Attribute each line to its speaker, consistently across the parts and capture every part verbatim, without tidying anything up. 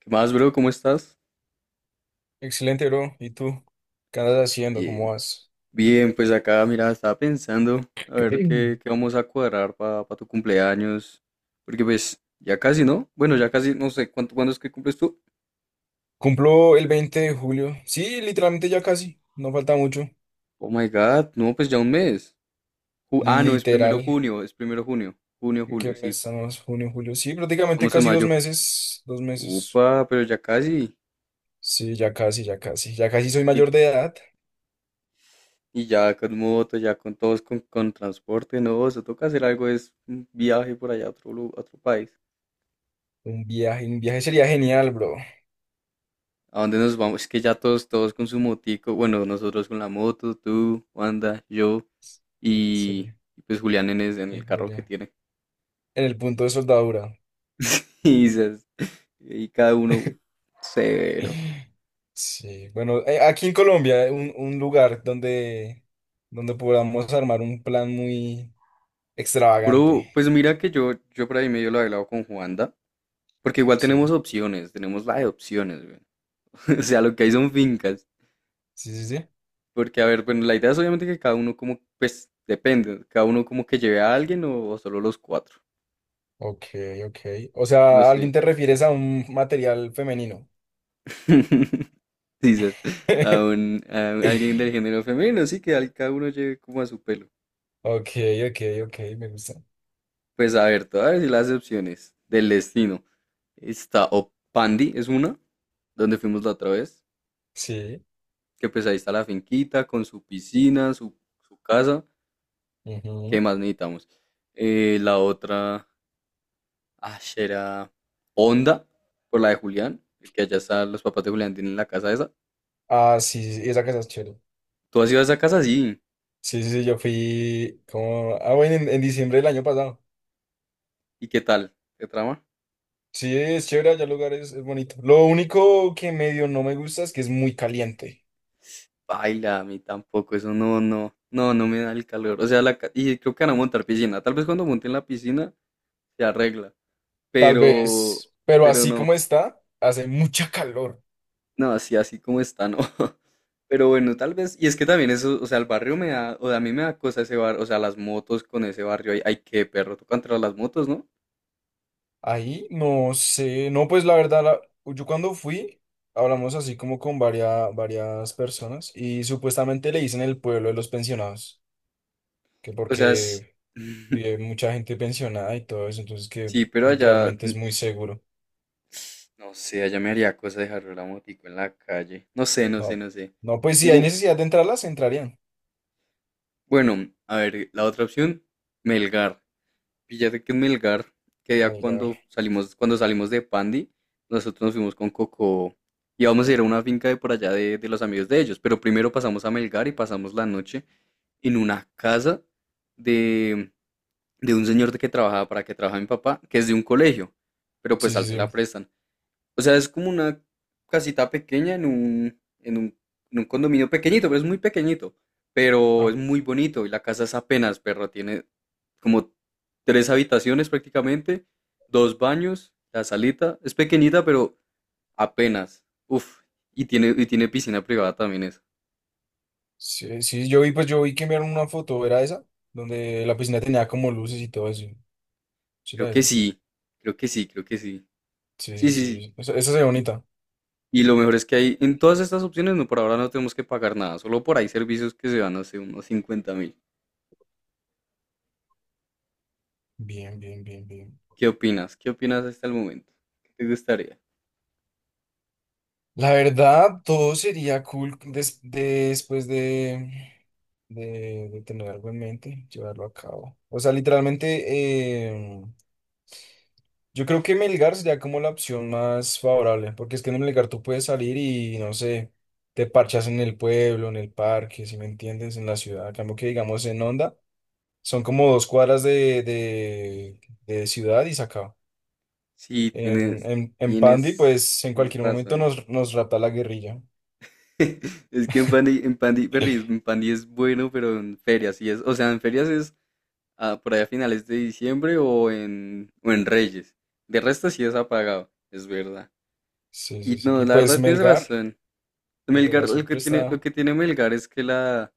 Speaker 1: ¿Qué más, bro? ¿Cómo estás?
Speaker 2: Excelente, bro. ¿Y tú? ¿Qué andas haciendo? ¿Cómo
Speaker 1: Bien.
Speaker 2: vas?
Speaker 1: Bien, pues acá, mira, estaba pensando a
Speaker 2: Ok.
Speaker 1: ver qué, qué vamos a cuadrar para tu cumpleaños. Porque pues ya casi, ¿no? Bueno, ya casi, no sé, ¿cuánto, cuándo es que cumples tú?
Speaker 2: Cumplo el veinte de julio. Sí, literalmente ya casi. No falta mucho.
Speaker 1: Oh my God, no, pues ya un mes. Ju- ah, no, es primero
Speaker 2: Literal.
Speaker 1: junio, es primero junio. Junio,
Speaker 2: ¿En qué
Speaker 1: julio,
Speaker 2: mes
Speaker 1: sí.
Speaker 2: estamos? Junio, julio. Sí, prácticamente
Speaker 1: Vamos en
Speaker 2: casi dos
Speaker 1: mayo.
Speaker 2: meses. Dos meses.
Speaker 1: Upa, pero ya casi.
Speaker 2: Sí, ya casi, ya casi. Ya casi soy
Speaker 1: Y,
Speaker 2: mayor de edad.
Speaker 1: y ya con moto, ya con todos, con, con transporte, no, se toca hacer algo, es un viaje por allá a otro, lu- a otro país.
Speaker 2: Un viaje, un viaje sería genial, bro.
Speaker 1: ¿A dónde nos vamos? Es que ya todos, todos con su motico. Bueno, nosotros con la moto, tú, Wanda, yo y
Speaker 2: Sería.
Speaker 1: y pues Julián en, es- en el carro que
Speaker 2: Híjole.
Speaker 1: tiene.
Speaker 2: En el punto de soldadura.
Speaker 1: Y, dices, y cada uno severo.
Speaker 2: Sí, bueno, eh, aquí en Colombia, eh, un, un lugar donde, donde podamos armar un plan muy extravagante.
Speaker 1: Bro, pues mira que yo, yo por ahí medio lo he hablado con Juanda, porque igual tenemos
Speaker 2: Sí,
Speaker 1: opciones, tenemos la de opciones, güey. O sea, lo que hay son fincas.
Speaker 2: sí, sí, sí.
Speaker 1: Porque, a ver, bueno, la idea es obviamente que cada uno como, pues depende, cada uno como que lleve a alguien o, o solo los cuatro.
Speaker 2: Ok, ok. O
Speaker 1: No
Speaker 2: sea, ¿a
Speaker 1: sé.
Speaker 2: alguien te refieres a un material femenino?
Speaker 1: Dices, a un, a un- alguien del género femenino, sí, que al- cada uno lleve como a su pelo.
Speaker 2: Ok, ok, ok, me gusta.
Speaker 1: Pues a ver, te voy a decir las opciones del destino. Está o Pandi, es una, donde fuimos la otra vez,
Speaker 2: Sí.
Speaker 1: que pues ahí está la finquita con su piscina, su, su casa, ¿qué
Speaker 2: Ujú.
Speaker 1: más necesitamos? Eh, la otra, ah, será Onda, por la de Julián, que allá están los papás de Julián, tienen la casa esa.
Speaker 2: Ah, sí, sí, esa casa es chévere.
Speaker 1: ¿Tú has ido a esa casa? Sí.
Speaker 2: Sí, sí, sí, yo fui como... Ah, bueno, en, en diciembre del año pasado.
Speaker 1: ¿Y qué tal? ¿Qué trama?
Speaker 2: Sí, es chévere, allá el lugar es, es bonito. Lo único que medio no me gusta es que es muy caliente.
Speaker 1: Baila, a mí tampoco, eso no, no, no, no me da el calor. O sea, la, ca- y creo que van a montar piscina. Tal vez cuando monten la piscina se arregla,
Speaker 2: Tal
Speaker 1: pero,
Speaker 2: vez, pero
Speaker 1: pero
Speaker 2: así como
Speaker 1: no,
Speaker 2: está, hace mucha calor.
Speaker 1: no, así, así como está, no. Pero bueno, tal vez, y es que también eso, o sea, el barrio me da, o sea, a mí me da cosa ese barrio, o sea, las motos con ese barrio, hay, hay que perro, tú contra las motos, ¿no?
Speaker 2: Ahí, no sé, no, pues la verdad, la- yo cuando fui, hablamos así como con varias, varias personas y supuestamente le dicen el pueblo de los pensionados, que
Speaker 1: O sea, sí,
Speaker 2: porque vive mucha gente pensionada y todo eso, entonces que
Speaker 1: sí, pero allá,
Speaker 2: literalmente
Speaker 1: mm,
Speaker 2: es muy seguro.
Speaker 1: no sé, allá me haría cosa dejar la motico en la calle. No sé, no sé,
Speaker 2: No,
Speaker 1: no sé.
Speaker 2: no, pues si hay
Speaker 1: Algo,
Speaker 2: necesidad de entrarlas, entrarían.
Speaker 1: bueno, a ver, la otra opción, Melgar. Fíjate que en Melgar, que ya
Speaker 2: Ay,
Speaker 1: cuando salimos, cuando salimos de Pandi, nosotros nos fuimos con Coco y vamos a ir a una finca de por allá de, de los amigos de ellos, pero primero pasamos a Melgar y pasamos la noche en una casa de, de un señor de que trabajaba, para que trabajaba mi papá, que es de un colegio, pero
Speaker 2: sí,
Speaker 1: pues al se la
Speaker 2: sí,
Speaker 1: prestan. O sea, es como una casita pequeña en un, en un, en un condominio pequeñito, pero es muy pequeñito. Pero
Speaker 2: sí.
Speaker 1: es muy bonito y la casa es apenas, perro. Tiene como tres habitaciones prácticamente, dos baños, la salita. Es pequeñita, pero apenas. Uf, y tiene, y tiene piscina privada también eso.
Speaker 2: Sí, sí, yo vi, pues yo vi que enviaron una foto, ¿era esa? Donde la piscina tenía como luces y todo eso. Sí,
Speaker 1: Creo
Speaker 2: era
Speaker 1: que
Speaker 2: esa.
Speaker 1: sí, creo que sí, creo que sí. Sí,
Speaker 2: Sí,
Speaker 1: sí,
Speaker 2: sí,
Speaker 1: sí.
Speaker 2: sí. Esa, esa se ve bonita.
Speaker 1: Y, y lo mejor es que hay en todas estas opciones, no, por ahora no tenemos que pagar nada, solo por ahí servicios que se van, no sé, unos cincuenta mil.
Speaker 2: Bien, bien, bien, bien.
Speaker 1: ¿Qué opinas? ¿Qué opinas hasta el momento? ¿Qué te gustaría?
Speaker 2: La verdad, todo sería cool des- después de, de, de tener algo en mente, llevarlo a cabo. O sea, literalmente, em, yo creo que Melgar sería como la opción más favorable, porque es que en Melgar tú puedes salir y no sé, te parchas en el pueblo, en el parque, si me entiendes, en la ciudad. A cambio que digamos en Honda son como dos cuadras de, de, de ciudad y se acaba.
Speaker 1: Sí,
Speaker 2: En,
Speaker 1: tienes,
Speaker 2: en, en Pandi,
Speaker 1: tienes,
Speaker 2: pues en
Speaker 1: tienes
Speaker 2: cualquier momento
Speaker 1: razón.
Speaker 2: nos, nos rapta la guerrilla.
Speaker 1: Es que en Pandi, en Pandi, Berry, en Pandi es bueno, pero en ferias sí es, o sea, en ferias es ah, por allá a finales de diciembre o en, o en Reyes. De resto sí es apagado, es verdad.
Speaker 2: Sí, sí,
Speaker 1: Y
Speaker 2: sí.
Speaker 1: no,
Speaker 2: Y
Speaker 1: la
Speaker 2: pues
Speaker 1: verdad tienes
Speaker 2: Melgar,
Speaker 1: razón.
Speaker 2: Melgar
Speaker 1: Melgar, lo que
Speaker 2: siempre
Speaker 1: tiene, lo
Speaker 2: está.
Speaker 1: que tiene Melgar es que la,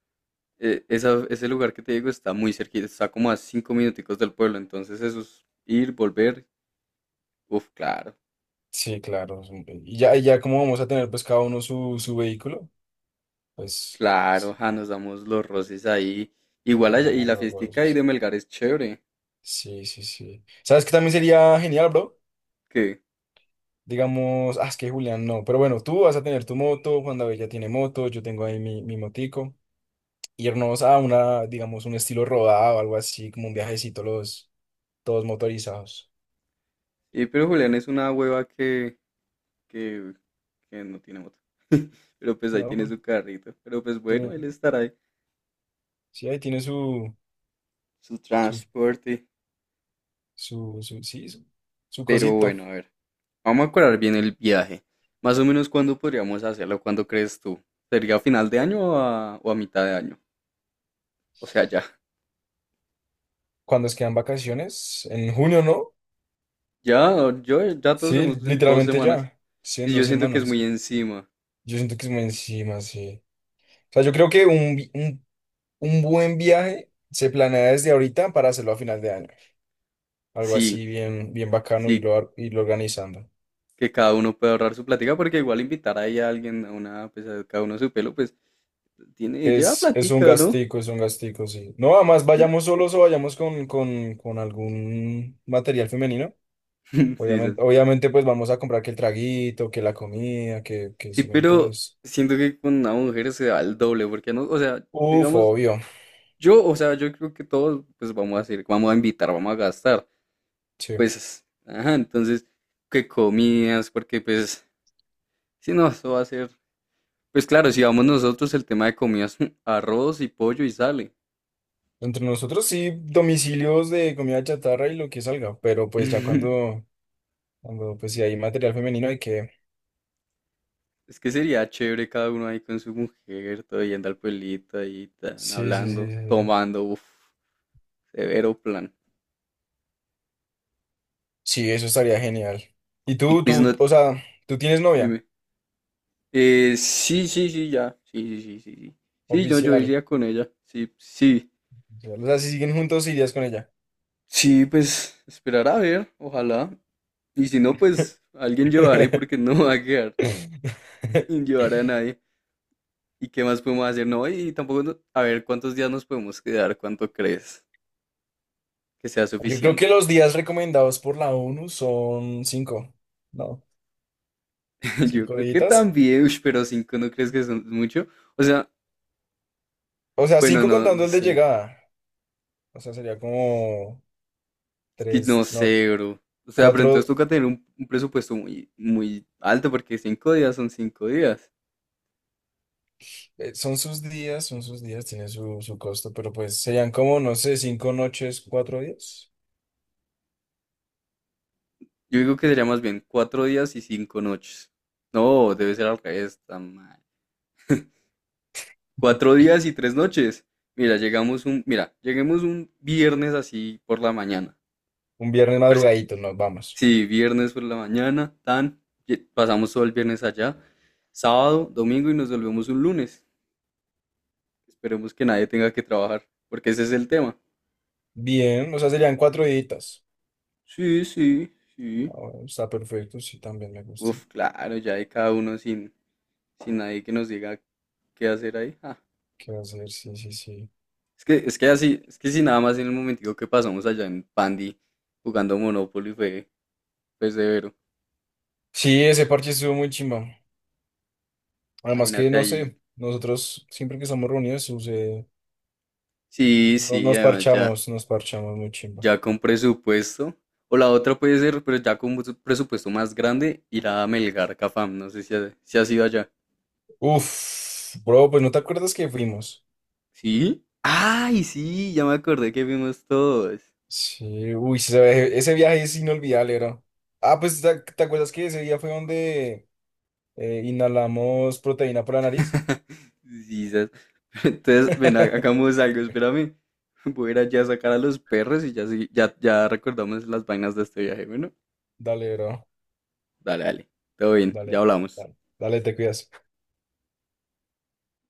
Speaker 1: eh, esa- ese lugar que te digo está muy cerquita, está como a cinco minuticos del pueblo, entonces eso es ir, volver, uf, claro.
Speaker 2: Sí, claro. Siempre. Y ya, y ya como vamos a tener pues cada uno su, su vehículo, pues
Speaker 1: Claro, ja, nos damos los roces ahí. Igual allá- y
Speaker 2: vamos
Speaker 1: la
Speaker 2: luego a
Speaker 1: fiestica
Speaker 2: eso,
Speaker 1: ahí de Melgar es chévere.
Speaker 2: sí, sí, sí. ¿Sabes qué también sería genial, bro?
Speaker 1: ¿Qué?
Speaker 2: Digamos, ah, es que Julián no, pero bueno, tú vas a tener tu moto, Juan David ya tiene moto, yo tengo ahí mi, mi motico. Irnos a una, digamos, un estilo rodado, algo así, como un viajecito, los, todos motorizados.
Speaker 1: Y pero Julián es una hueva que, que, que no tiene moto. Pero pues ahí
Speaker 2: No,
Speaker 1: tiene
Speaker 2: Jul,
Speaker 1: su carrito. Pero pues bueno, él
Speaker 2: tiene,
Speaker 1: estará ahí.
Speaker 2: sí, ahí tiene su,
Speaker 1: Su
Speaker 2: su,
Speaker 1: transporte.
Speaker 2: su, su, sí, su, su
Speaker 1: Pero
Speaker 2: cosito.
Speaker 1: bueno, a ver. Vamos a acordar bien el viaje. Más o menos cuándo podríamos hacerlo, ¿cuándo crees tú? ¿Sería a final de año o a, o a mitad de año? O sea, ya.
Speaker 2: Cuando es quedan vacaciones, en junio, ¿no?
Speaker 1: Ya, yo, ya todos
Speaker 2: Sí,
Speaker 1: hemos en dos
Speaker 2: literalmente
Speaker 1: semanas.
Speaker 2: ya, sí, en
Speaker 1: Y
Speaker 2: dos
Speaker 1: yo siento que es muy
Speaker 2: semanas.
Speaker 1: encima.
Speaker 2: Yo siento que es muy encima, sí. O sea, yo creo que un, vi- un Un buen viaje se planea desde ahorita para hacerlo a final de año. Algo
Speaker 1: Sí.
Speaker 2: así bien, bien bacano y
Speaker 1: Sí,
Speaker 2: lo, y lo organizando.
Speaker 1: que cada uno puede ahorrar su platica, porque igual invitar ahí a alguien a una, pues a cada uno su pelo, pues tiene, lleva
Speaker 2: Es, es un
Speaker 1: platica, ¿no?
Speaker 2: gastico, es un gastico, sí. No, además
Speaker 1: Sí,
Speaker 2: vayamos solos o vayamos con, con, con algún material femenino.
Speaker 1: sí, sí,
Speaker 2: Obviamente, obviamente, pues vamos a comprar que el traguito, que la comida, que, que
Speaker 1: sí,
Speaker 2: si me
Speaker 1: pero
Speaker 2: entiendes.
Speaker 1: siento que con una mujer se da el doble, porque no, o sea,
Speaker 2: Uf,
Speaker 1: digamos,
Speaker 2: obvio.
Speaker 1: yo, o sea, yo creo que todos, pues vamos a hacer vamos a invitar, vamos a gastar,
Speaker 2: Sí.
Speaker 1: pues, ajá, entonces, que comidas, porque pues, si no, eso va a ser, pues claro, si vamos nosotros, el tema de comidas, arroz y pollo y sale.
Speaker 2: Entre nosotros sí, domicilios de comida chatarra y lo que salga. Pero pues ya cuando, cuando pues si hay material femenino hay que...
Speaker 1: Es que sería chévere cada uno ahí con su mujer, todo yendo al pueblito ahí, tan,
Speaker 2: Sí, sí, sí, sí.
Speaker 1: hablando,
Speaker 2: Sí.
Speaker 1: tomando, uff, severo plan.
Speaker 2: Sí, eso estaría genial. Y
Speaker 1: Y
Speaker 2: tú,
Speaker 1: pues
Speaker 2: tú,
Speaker 1: no,
Speaker 2: o sea, tú tienes novia
Speaker 1: dime. Eh, sí, sí, sí, ya. Sí, sí, sí, sí, sí. Sí, yo, yo
Speaker 2: oficial.
Speaker 1: iría con ella. Sí, sí.
Speaker 2: O sea, si siguen juntos, irías con ella.
Speaker 1: Sí, pues esperar a ver, ojalá. Y si no, pues alguien llevaré porque no va a quedar sin llevar a nadie. ¿Y qué más podemos hacer? No, y tampoco, no- a ver, ¿cuántos días nos podemos quedar? ¿Cuánto crees que sea
Speaker 2: Yo creo que
Speaker 1: suficiente?
Speaker 2: los días recomendados por la ONU son cinco, ¿no?
Speaker 1: Yo
Speaker 2: Cinco
Speaker 1: creo que
Speaker 2: días.
Speaker 1: también, ush, pero cinco no crees que son mucho. O sea,
Speaker 2: O sea,
Speaker 1: bueno,
Speaker 2: cinco
Speaker 1: no, no
Speaker 2: contando el de
Speaker 1: sé.
Speaker 2: llegada. O sea, sería como
Speaker 1: Es que no
Speaker 2: tres, no,
Speaker 1: sé, bro. O sea, pero entonces
Speaker 2: cuatro.
Speaker 1: toca tener un, un presupuesto muy, muy alto porque cinco días son cinco días.
Speaker 2: eh, son sus días, son sus días, tiene su, su costo, pero pues serían como, no sé, cinco noches, cuatro días.
Speaker 1: Yo digo que sería más bien cuatro días y cinco noches. No, debe ser al revés, tan mal. Cuatro días y tres noches. Mira, llegamos un, mira, lleguemos un viernes así por la mañana.
Speaker 2: Un viernes madrugadito, nos vamos.
Speaker 1: Sí, viernes por la mañana, tan, y- pasamos todo el viernes allá, sábado, domingo y nos volvemos un lunes. Esperemos que nadie tenga que trabajar, porque ese es el tema.
Speaker 2: Bien, o sea, serían cuatro deditas.
Speaker 1: Sí, sí,
Speaker 2: Ah,
Speaker 1: sí.
Speaker 2: bueno, está perfecto, sí, también me gusta.
Speaker 1: Uf, claro, ya hay cada uno sin, sin nadie que nos diga qué hacer ahí. Ah,
Speaker 2: ¿Qué va a hacer? Sí, sí, sí.
Speaker 1: es que, es que así, es que si nada más en el momentico que pasamos allá en Pandi jugando Monopoly fue, fue severo.
Speaker 2: Sí, ese parche estuvo muy chimba. Además que,
Speaker 1: Imagínate
Speaker 2: no
Speaker 1: ahí.
Speaker 2: sé, nosotros siempre que estamos reunidos, sucede-
Speaker 1: Sí,
Speaker 2: no-
Speaker 1: sí,
Speaker 2: nos
Speaker 1: además ya.
Speaker 2: parchamos, nos parchamos muy chimba.
Speaker 1: Ya con presupuesto. O la otra puede ser, pero ya con un presupuesto más grande, ir a Melgar Cafam. No sé si, ha- si has ido allá.
Speaker 2: Uf, bro, pues no te acuerdas que fuimos.
Speaker 1: ¿Sí? ¡Ay, sí! Ya me acordé que vimos todos.
Speaker 2: Sí, uy, sí, ese, ese viaje es inolvidable, bro. Ah, pues ¿te, te acuerdas que ese día fue donde eh, inhalamos proteína por la nariz?
Speaker 1: Sí, sas. Entonces, ven, ha- hagamos algo, espérame. Voy a ir allá a sacar a los perros y ya, sí- ya, ya recordamos las vainas de este viaje. Bueno,
Speaker 2: Dale, bro,
Speaker 1: dale, dale. Todo bien, ya
Speaker 2: dale,
Speaker 1: hablamos.
Speaker 2: dale, dale, te cuidas.